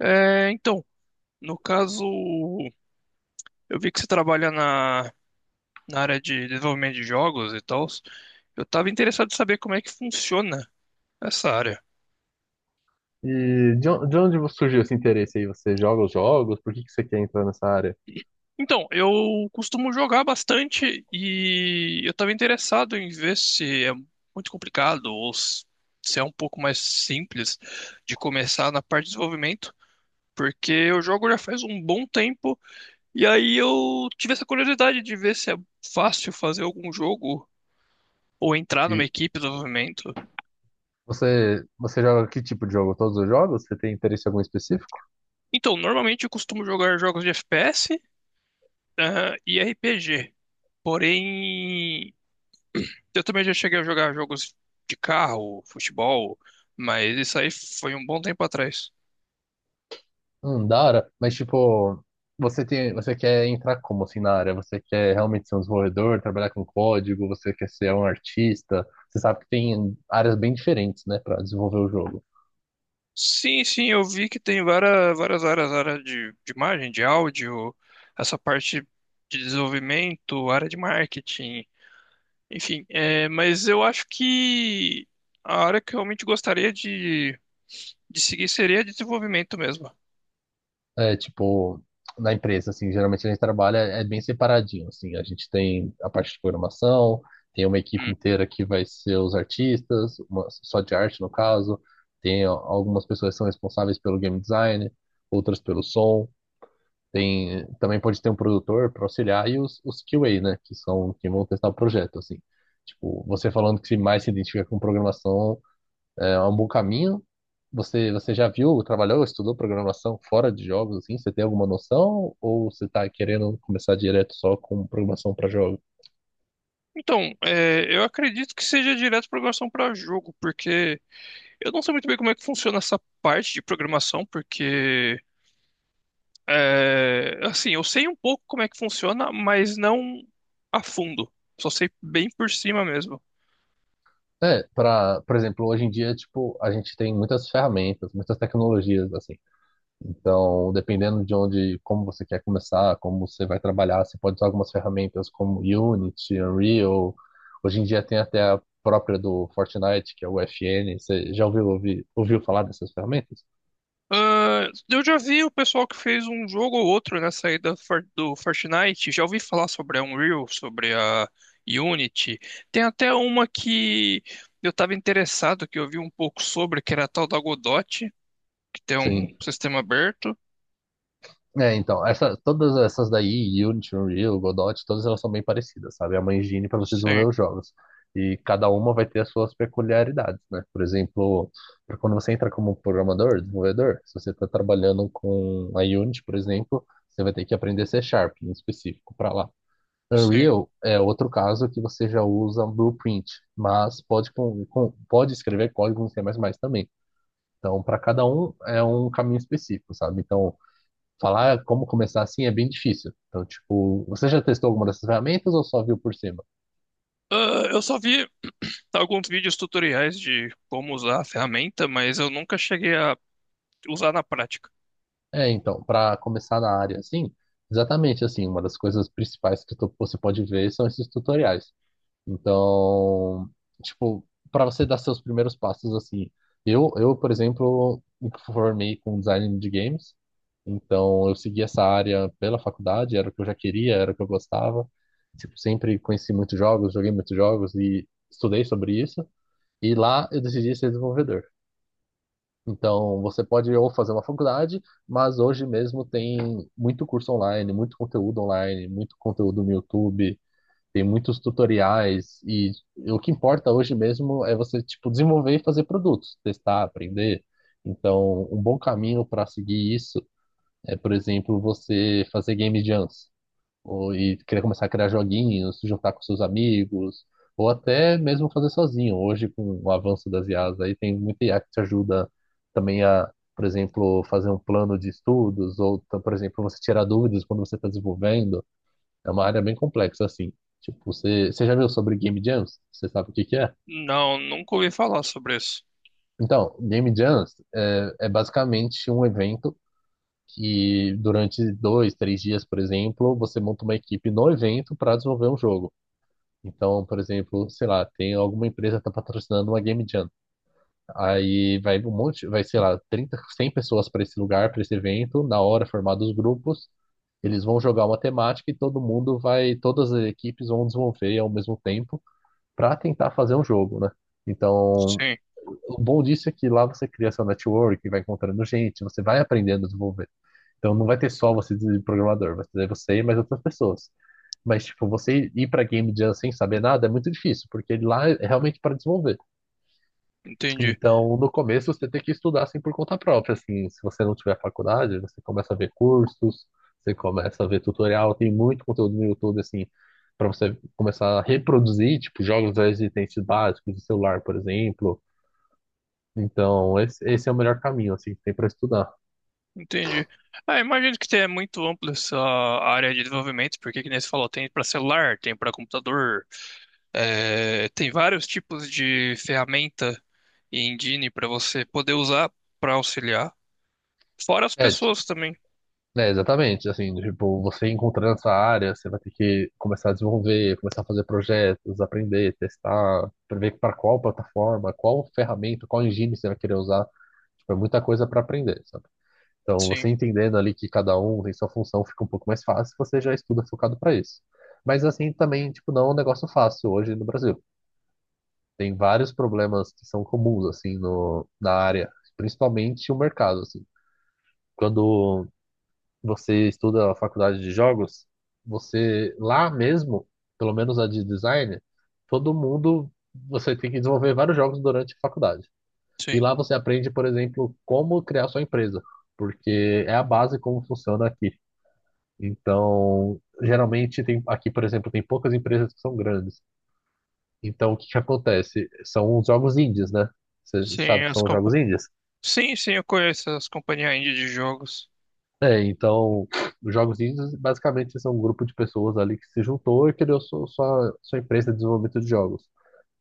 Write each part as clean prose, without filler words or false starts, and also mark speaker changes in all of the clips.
Speaker 1: É, então, no caso, eu vi que você trabalha na, na área de desenvolvimento de jogos e tal. Eu estava interessado em saber como é que funciona essa área.
Speaker 2: E de onde surgiu esse interesse aí? Você joga os jogos? Por que que você quer entrar nessa área?
Speaker 1: Então, eu costumo jogar bastante e eu estava interessado em ver se é muito complicado ou se é um pouco mais simples de começar na parte de desenvolvimento, porque eu jogo já faz um bom tempo e aí eu tive essa curiosidade de ver se é fácil fazer algum jogo ou entrar numa
Speaker 2: E
Speaker 1: equipe de desenvolvimento.
Speaker 2: você joga que tipo de jogo? Todos os jogos? Você tem interesse em algum específico?
Speaker 1: Então, normalmente eu costumo jogar jogos de FPS, e RPG. Porém, eu também já cheguei a jogar jogos de carro, futebol, mas isso aí foi um bom tempo atrás.
Speaker 2: Da hora. Mas tipo, você quer entrar como assim na área? Você quer realmente ser um desenvolvedor, trabalhar com código? Você quer ser um artista? Você sabe que tem áreas bem diferentes, né, para desenvolver o jogo.
Speaker 1: Sim, sim, eu vi que tem várias áreas, área de imagem, de áudio, essa parte de desenvolvimento, área de marketing, enfim. Mas eu acho que a área que eu realmente gostaria de seguir seria de desenvolvimento mesmo.
Speaker 2: É, tipo, na empresa, assim, geralmente a gente trabalha é bem separadinho, assim, a gente tem a parte de programação, tem uma equipe
Speaker 1: Hum.
Speaker 2: inteira que vai ser os artistas, só de arte no caso, tem algumas pessoas que são responsáveis pelo game design, outras pelo som, tem, também pode ter um produtor para auxiliar e os QA, né, que são, que vão testar o projeto, assim. Tipo, você falando que mais se identifica com programação, é um bom caminho. Você já viu, trabalhou, estudou programação fora de jogos, assim? Você tem alguma noção? Ou você está querendo começar direto só com programação para jogos?
Speaker 1: Então, eu acredito que seja direto programação para jogo, porque eu não sei muito bem como é que funciona essa parte de programação, porque é, assim, eu sei um pouco como é que funciona, mas não a fundo. Só sei bem por cima mesmo.
Speaker 2: É, por exemplo, hoje em dia, tipo, a gente tem muitas ferramentas, muitas tecnologias, assim. Então, dependendo de onde, como você quer começar, como você vai trabalhar, você pode usar algumas ferramentas como Unity, Unreal. Hoje em dia tem até a própria do Fortnite, que é o FN. Você já ouviu falar dessas ferramentas?
Speaker 1: Ah, eu já vi o pessoal que fez um jogo ou outro nessa aí da do Fortnite, já ouvi falar sobre a Unreal, sobre a Unity. Tem até uma que eu estava interessado, que eu vi um pouco sobre, que era a tal da Godot, que tem um
Speaker 2: Sim.
Speaker 1: sistema aberto.
Speaker 2: É, então, todas essas daí, Unity, Unreal, Godot, todas elas são bem parecidas, sabe? É uma engine para vocês
Speaker 1: Sim,
Speaker 2: desenvolver os jogos. E cada uma vai ter as suas peculiaridades, né? Por exemplo, pra quando você entra como programador, desenvolvedor, se você está trabalhando com a Unity, por exemplo, você vai ter que aprender C#, em específico, para lá.
Speaker 1: sim.
Speaker 2: Unreal é outro caso que você já usa Blueprint, mas pode, pode escrever código em C++ também. Então, para cada um é um caminho específico, sabe? Então, falar como começar assim é bem difícil. Então, tipo, você já testou alguma dessas ferramentas ou só viu por cima?
Speaker 1: Ah, eu só vi alguns vídeos tutoriais de como usar a ferramenta, mas eu nunca cheguei a usar na prática.
Speaker 2: É, então, para começar na área assim, exatamente assim, uma das coisas principais que você pode ver são esses tutoriais. Então, tipo, para você dar seus primeiros passos assim, eu, por exemplo, me formei com design de games. Então, eu segui essa área pela faculdade, era o que eu já queria, era o que eu gostava. Tipo, sempre conheci muitos jogos, joguei muitos jogos e estudei sobre isso. E lá eu decidi ser desenvolvedor. Então, você pode ou fazer uma faculdade, mas hoje mesmo tem muito curso online, muito conteúdo no YouTube, tem muitos tutoriais e o que importa hoje mesmo é você, tipo, desenvolver e fazer produtos, testar, aprender. Então, um bom caminho para seguir isso é, por exemplo, você fazer game jams e querer começar a criar joguinhos, se juntar com seus amigos, ou até mesmo fazer sozinho. Hoje, com o avanço das IAs, aí tem muita IA que te ajuda também a, por exemplo, fazer um plano de estudos, ou, por exemplo, você tirar dúvidas quando você está desenvolvendo. É uma área bem complexa, assim. Tipo, você já viu sobre Game Jams? Você sabe o que que é?
Speaker 1: Não, nunca ouvi falar sobre isso.
Speaker 2: Então, Game Jams é basicamente um evento que durante 2, 3 dias, por exemplo, você monta uma equipe no evento para desenvolver um jogo. Então, por exemplo, sei lá, tem alguma empresa que tá patrocinando uma Game Jam. Aí vai, sei lá, 30, 100 pessoas para esse lugar, para esse evento, na hora formados os grupos, eles vão jogar uma temática e todas as equipes vão desenvolver ao mesmo tempo para tentar fazer um jogo, né? Então,
Speaker 1: Sim,
Speaker 2: o bom disso é que lá você cria seu network, vai encontrando gente, você vai aprendendo a desenvolver. Então, não vai ter só você de programador, vai ter você e mais outras pessoas. Mas, tipo, você ir pra Game Jam sem saber nada é muito difícil, porque lá é realmente para desenvolver.
Speaker 1: entendi,
Speaker 2: Então, no começo, você tem que estudar assim por conta própria, assim, se você não tiver faculdade, você começa a ver cursos, você começa a ver tutorial, tem muito conteúdo no YouTube, assim, para você começar a reproduzir, tipo, jogos já existentes básicos de celular, por exemplo. Então, esse é o melhor caminho, assim, que tem para estudar.
Speaker 1: entendi. Ah, imagino que tenha muito ampla essa área de desenvolvimento, porque, que nem você falou, tem para celular, tem para computador, é, tem vários tipos de ferramenta e engine para você poder usar para auxiliar, fora as
Speaker 2: Ed,
Speaker 1: pessoas também.
Speaker 2: É, exatamente, assim, tipo, você encontrando essa área, você vai ter que começar a desenvolver, começar a fazer projetos, aprender, testar, prever para qual plataforma, qual ferramenta, qual engine você vai querer usar. Tipo, é muita coisa para aprender, sabe? Então,
Speaker 1: Sim,
Speaker 2: você entendendo ali que cada um tem sua função, fica um pouco mais fácil, você já estuda focado para isso. Mas assim, também, tipo, não é um negócio fácil hoje no Brasil. Tem vários problemas que são comuns, assim, no, na área, principalmente o mercado, assim. Quando você estuda a faculdade de jogos, você lá mesmo, pelo menos a de design, todo mundo você tem que desenvolver vários jogos durante a faculdade. E
Speaker 1: sim.
Speaker 2: lá você aprende, por exemplo, como criar sua empresa, porque é a base como funciona aqui. Então, geralmente tem aqui, por exemplo, tem poucas empresas que são grandes. Então, o que que acontece? São os jogos indies, né? Você
Speaker 1: Sim,
Speaker 2: sabe, que
Speaker 1: as
Speaker 2: são os
Speaker 1: compa...
Speaker 2: jogos indies.
Speaker 1: sim, sim, eu conheço as companhias indie de jogos.
Speaker 2: É, então, os jogos indies basicamente são um grupo de pessoas ali que se juntou e criou sua empresa de desenvolvimento de jogos.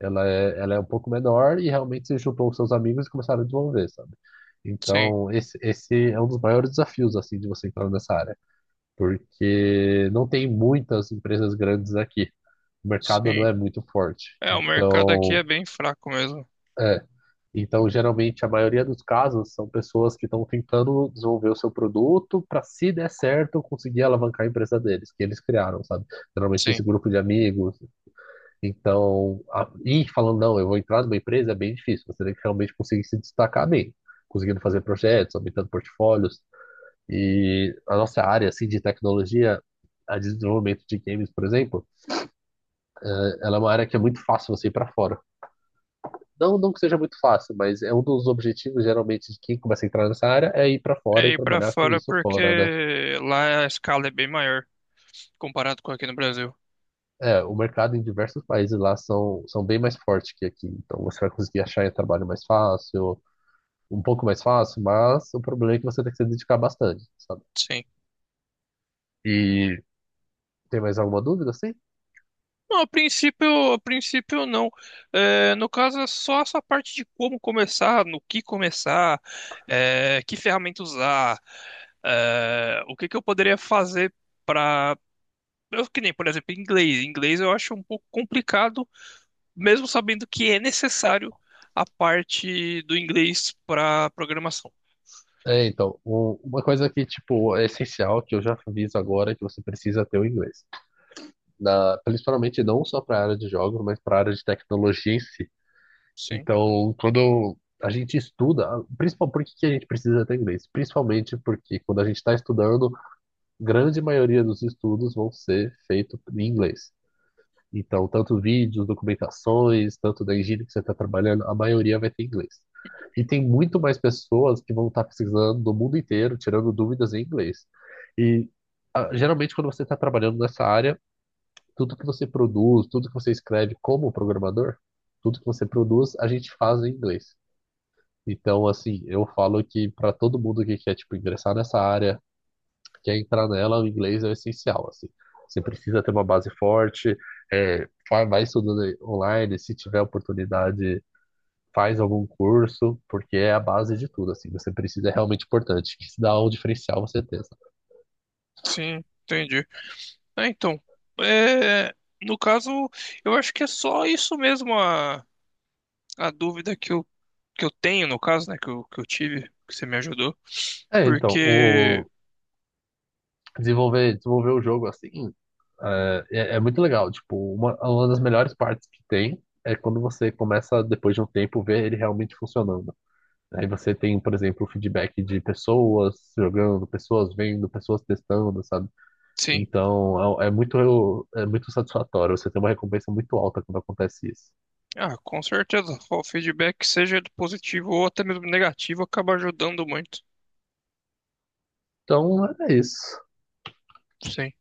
Speaker 2: Ela é um pouco menor e realmente se juntou com seus amigos e começaram a desenvolver, sabe?
Speaker 1: Sim,
Speaker 2: Então, esse é um dos maiores desafios, assim, de você entrar nessa área, porque não tem muitas empresas grandes aqui. O mercado não
Speaker 1: sim.
Speaker 2: é muito forte.
Speaker 1: É, o mercado aqui é
Speaker 2: Então,
Speaker 1: bem fraco mesmo.
Speaker 2: então, geralmente, a maioria dos casos são pessoas que estão tentando desenvolver o seu produto para, se der certo, conseguir alavancar a empresa deles, que eles criaram, sabe? Geralmente,
Speaker 1: Sim.
Speaker 2: esse grupo de amigos. Então, e falando, não, eu vou entrar numa empresa é bem difícil. Você tem que realmente conseguir se destacar bem, conseguindo fazer projetos, aumentando portfólios. E a nossa área, assim, de tecnologia, a de desenvolvimento de games, por exemplo, ela é uma área que é muito fácil você ir para fora. Não, não que seja muito fácil, mas é um dos objetivos, geralmente, de quem começa a entrar nessa área, é ir para
Speaker 1: É
Speaker 2: fora e
Speaker 1: ir pra
Speaker 2: trabalhar com
Speaker 1: fora
Speaker 2: isso
Speaker 1: porque
Speaker 2: fora, né?
Speaker 1: lá a escala é bem maior comparado com aqui no Brasil.
Speaker 2: É, o mercado em diversos países lá são bem mais fortes que aqui, então você vai conseguir achar um trabalho mais fácil, um pouco mais fácil, mas o problema é que você tem que se dedicar bastante, sabe?
Speaker 1: Sim.
Speaker 2: E tem mais alguma dúvida, assim?
Speaker 1: Não, a princípio não. É, no caso, é só essa parte de como começar, no que começar, é, que ferramenta usar, é, o que que eu poderia fazer para eu que nem, por exemplo, inglês. Inglês eu acho um pouco complicado mesmo sabendo que é necessário a parte do inglês para programação.
Speaker 2: É, então, uma coisa que, tipo, é essencial, que eu já aviso agora, é que você precisa ter o inglês. Principalmente não só para a área de jogos, mas para a área de tecnologia em si.
Speaker 1: Sim,
Speaker 2: Então, quando a gente estuda, principalmente por que que a gente precisa ter inglês? Principalmente porque quando a gente está estudando, grande maioria dos estudos vão ser feitos em inglês. Então, tanto vídeos, documentações, tanto da engenharia que você está trabalhando, a maioria vai ter inglês. E tem muito mais pessoas que vão estar pesquisando do mundo inteiro, tirando dúvidas em inglês. E geralmente, quando você está trabalhando nessa área, tudo que você produz, tudo que você escreve como programador, tudo que você produz, a gente faz em inglês. Então, assim, eu falo que para todo mundo que quer, tipo, ingressar nessa área, quer entrar nela, o inglês é o essencial, assim. Você precisa ter uma base forte, é, vai estudando aí online, se tiver oportunidade, faz algum curso, porque é a base de tudo, assim. Você precisa, é realmente importante, que isso dá um diferencial, você tem.
Speaker 1: sim, entendi. É, então, é, no caso, eu acho que é só isso mesmo a dúvida que eu tenho, no caso, né, que eu tive, que você me ajudou,
Speaker 2: É, então,
Speaker 1: porque,
Speaker 2: desenvolver o jogo, assim, é muito legal. Tipo, uma das melhores partes que tem é quando você começa, depois de um tempo, ver ele realmente funcionando. Aí você tem, por exemplo, o feedback de pessoas jogando, pessoas vendo, pessoas testando, sabe?
Speaker 1: sim,
Speaker 2: Então é muito satisfatório. Você tem uma recompensa muito alta quando acontece isso.
Speaker 1: ah, com certeza, o feedback, seja positivo ou até mesmo negativo, acaba ajudando muito.
Speaker 2: Então é isso.
Speaker 1: Sim.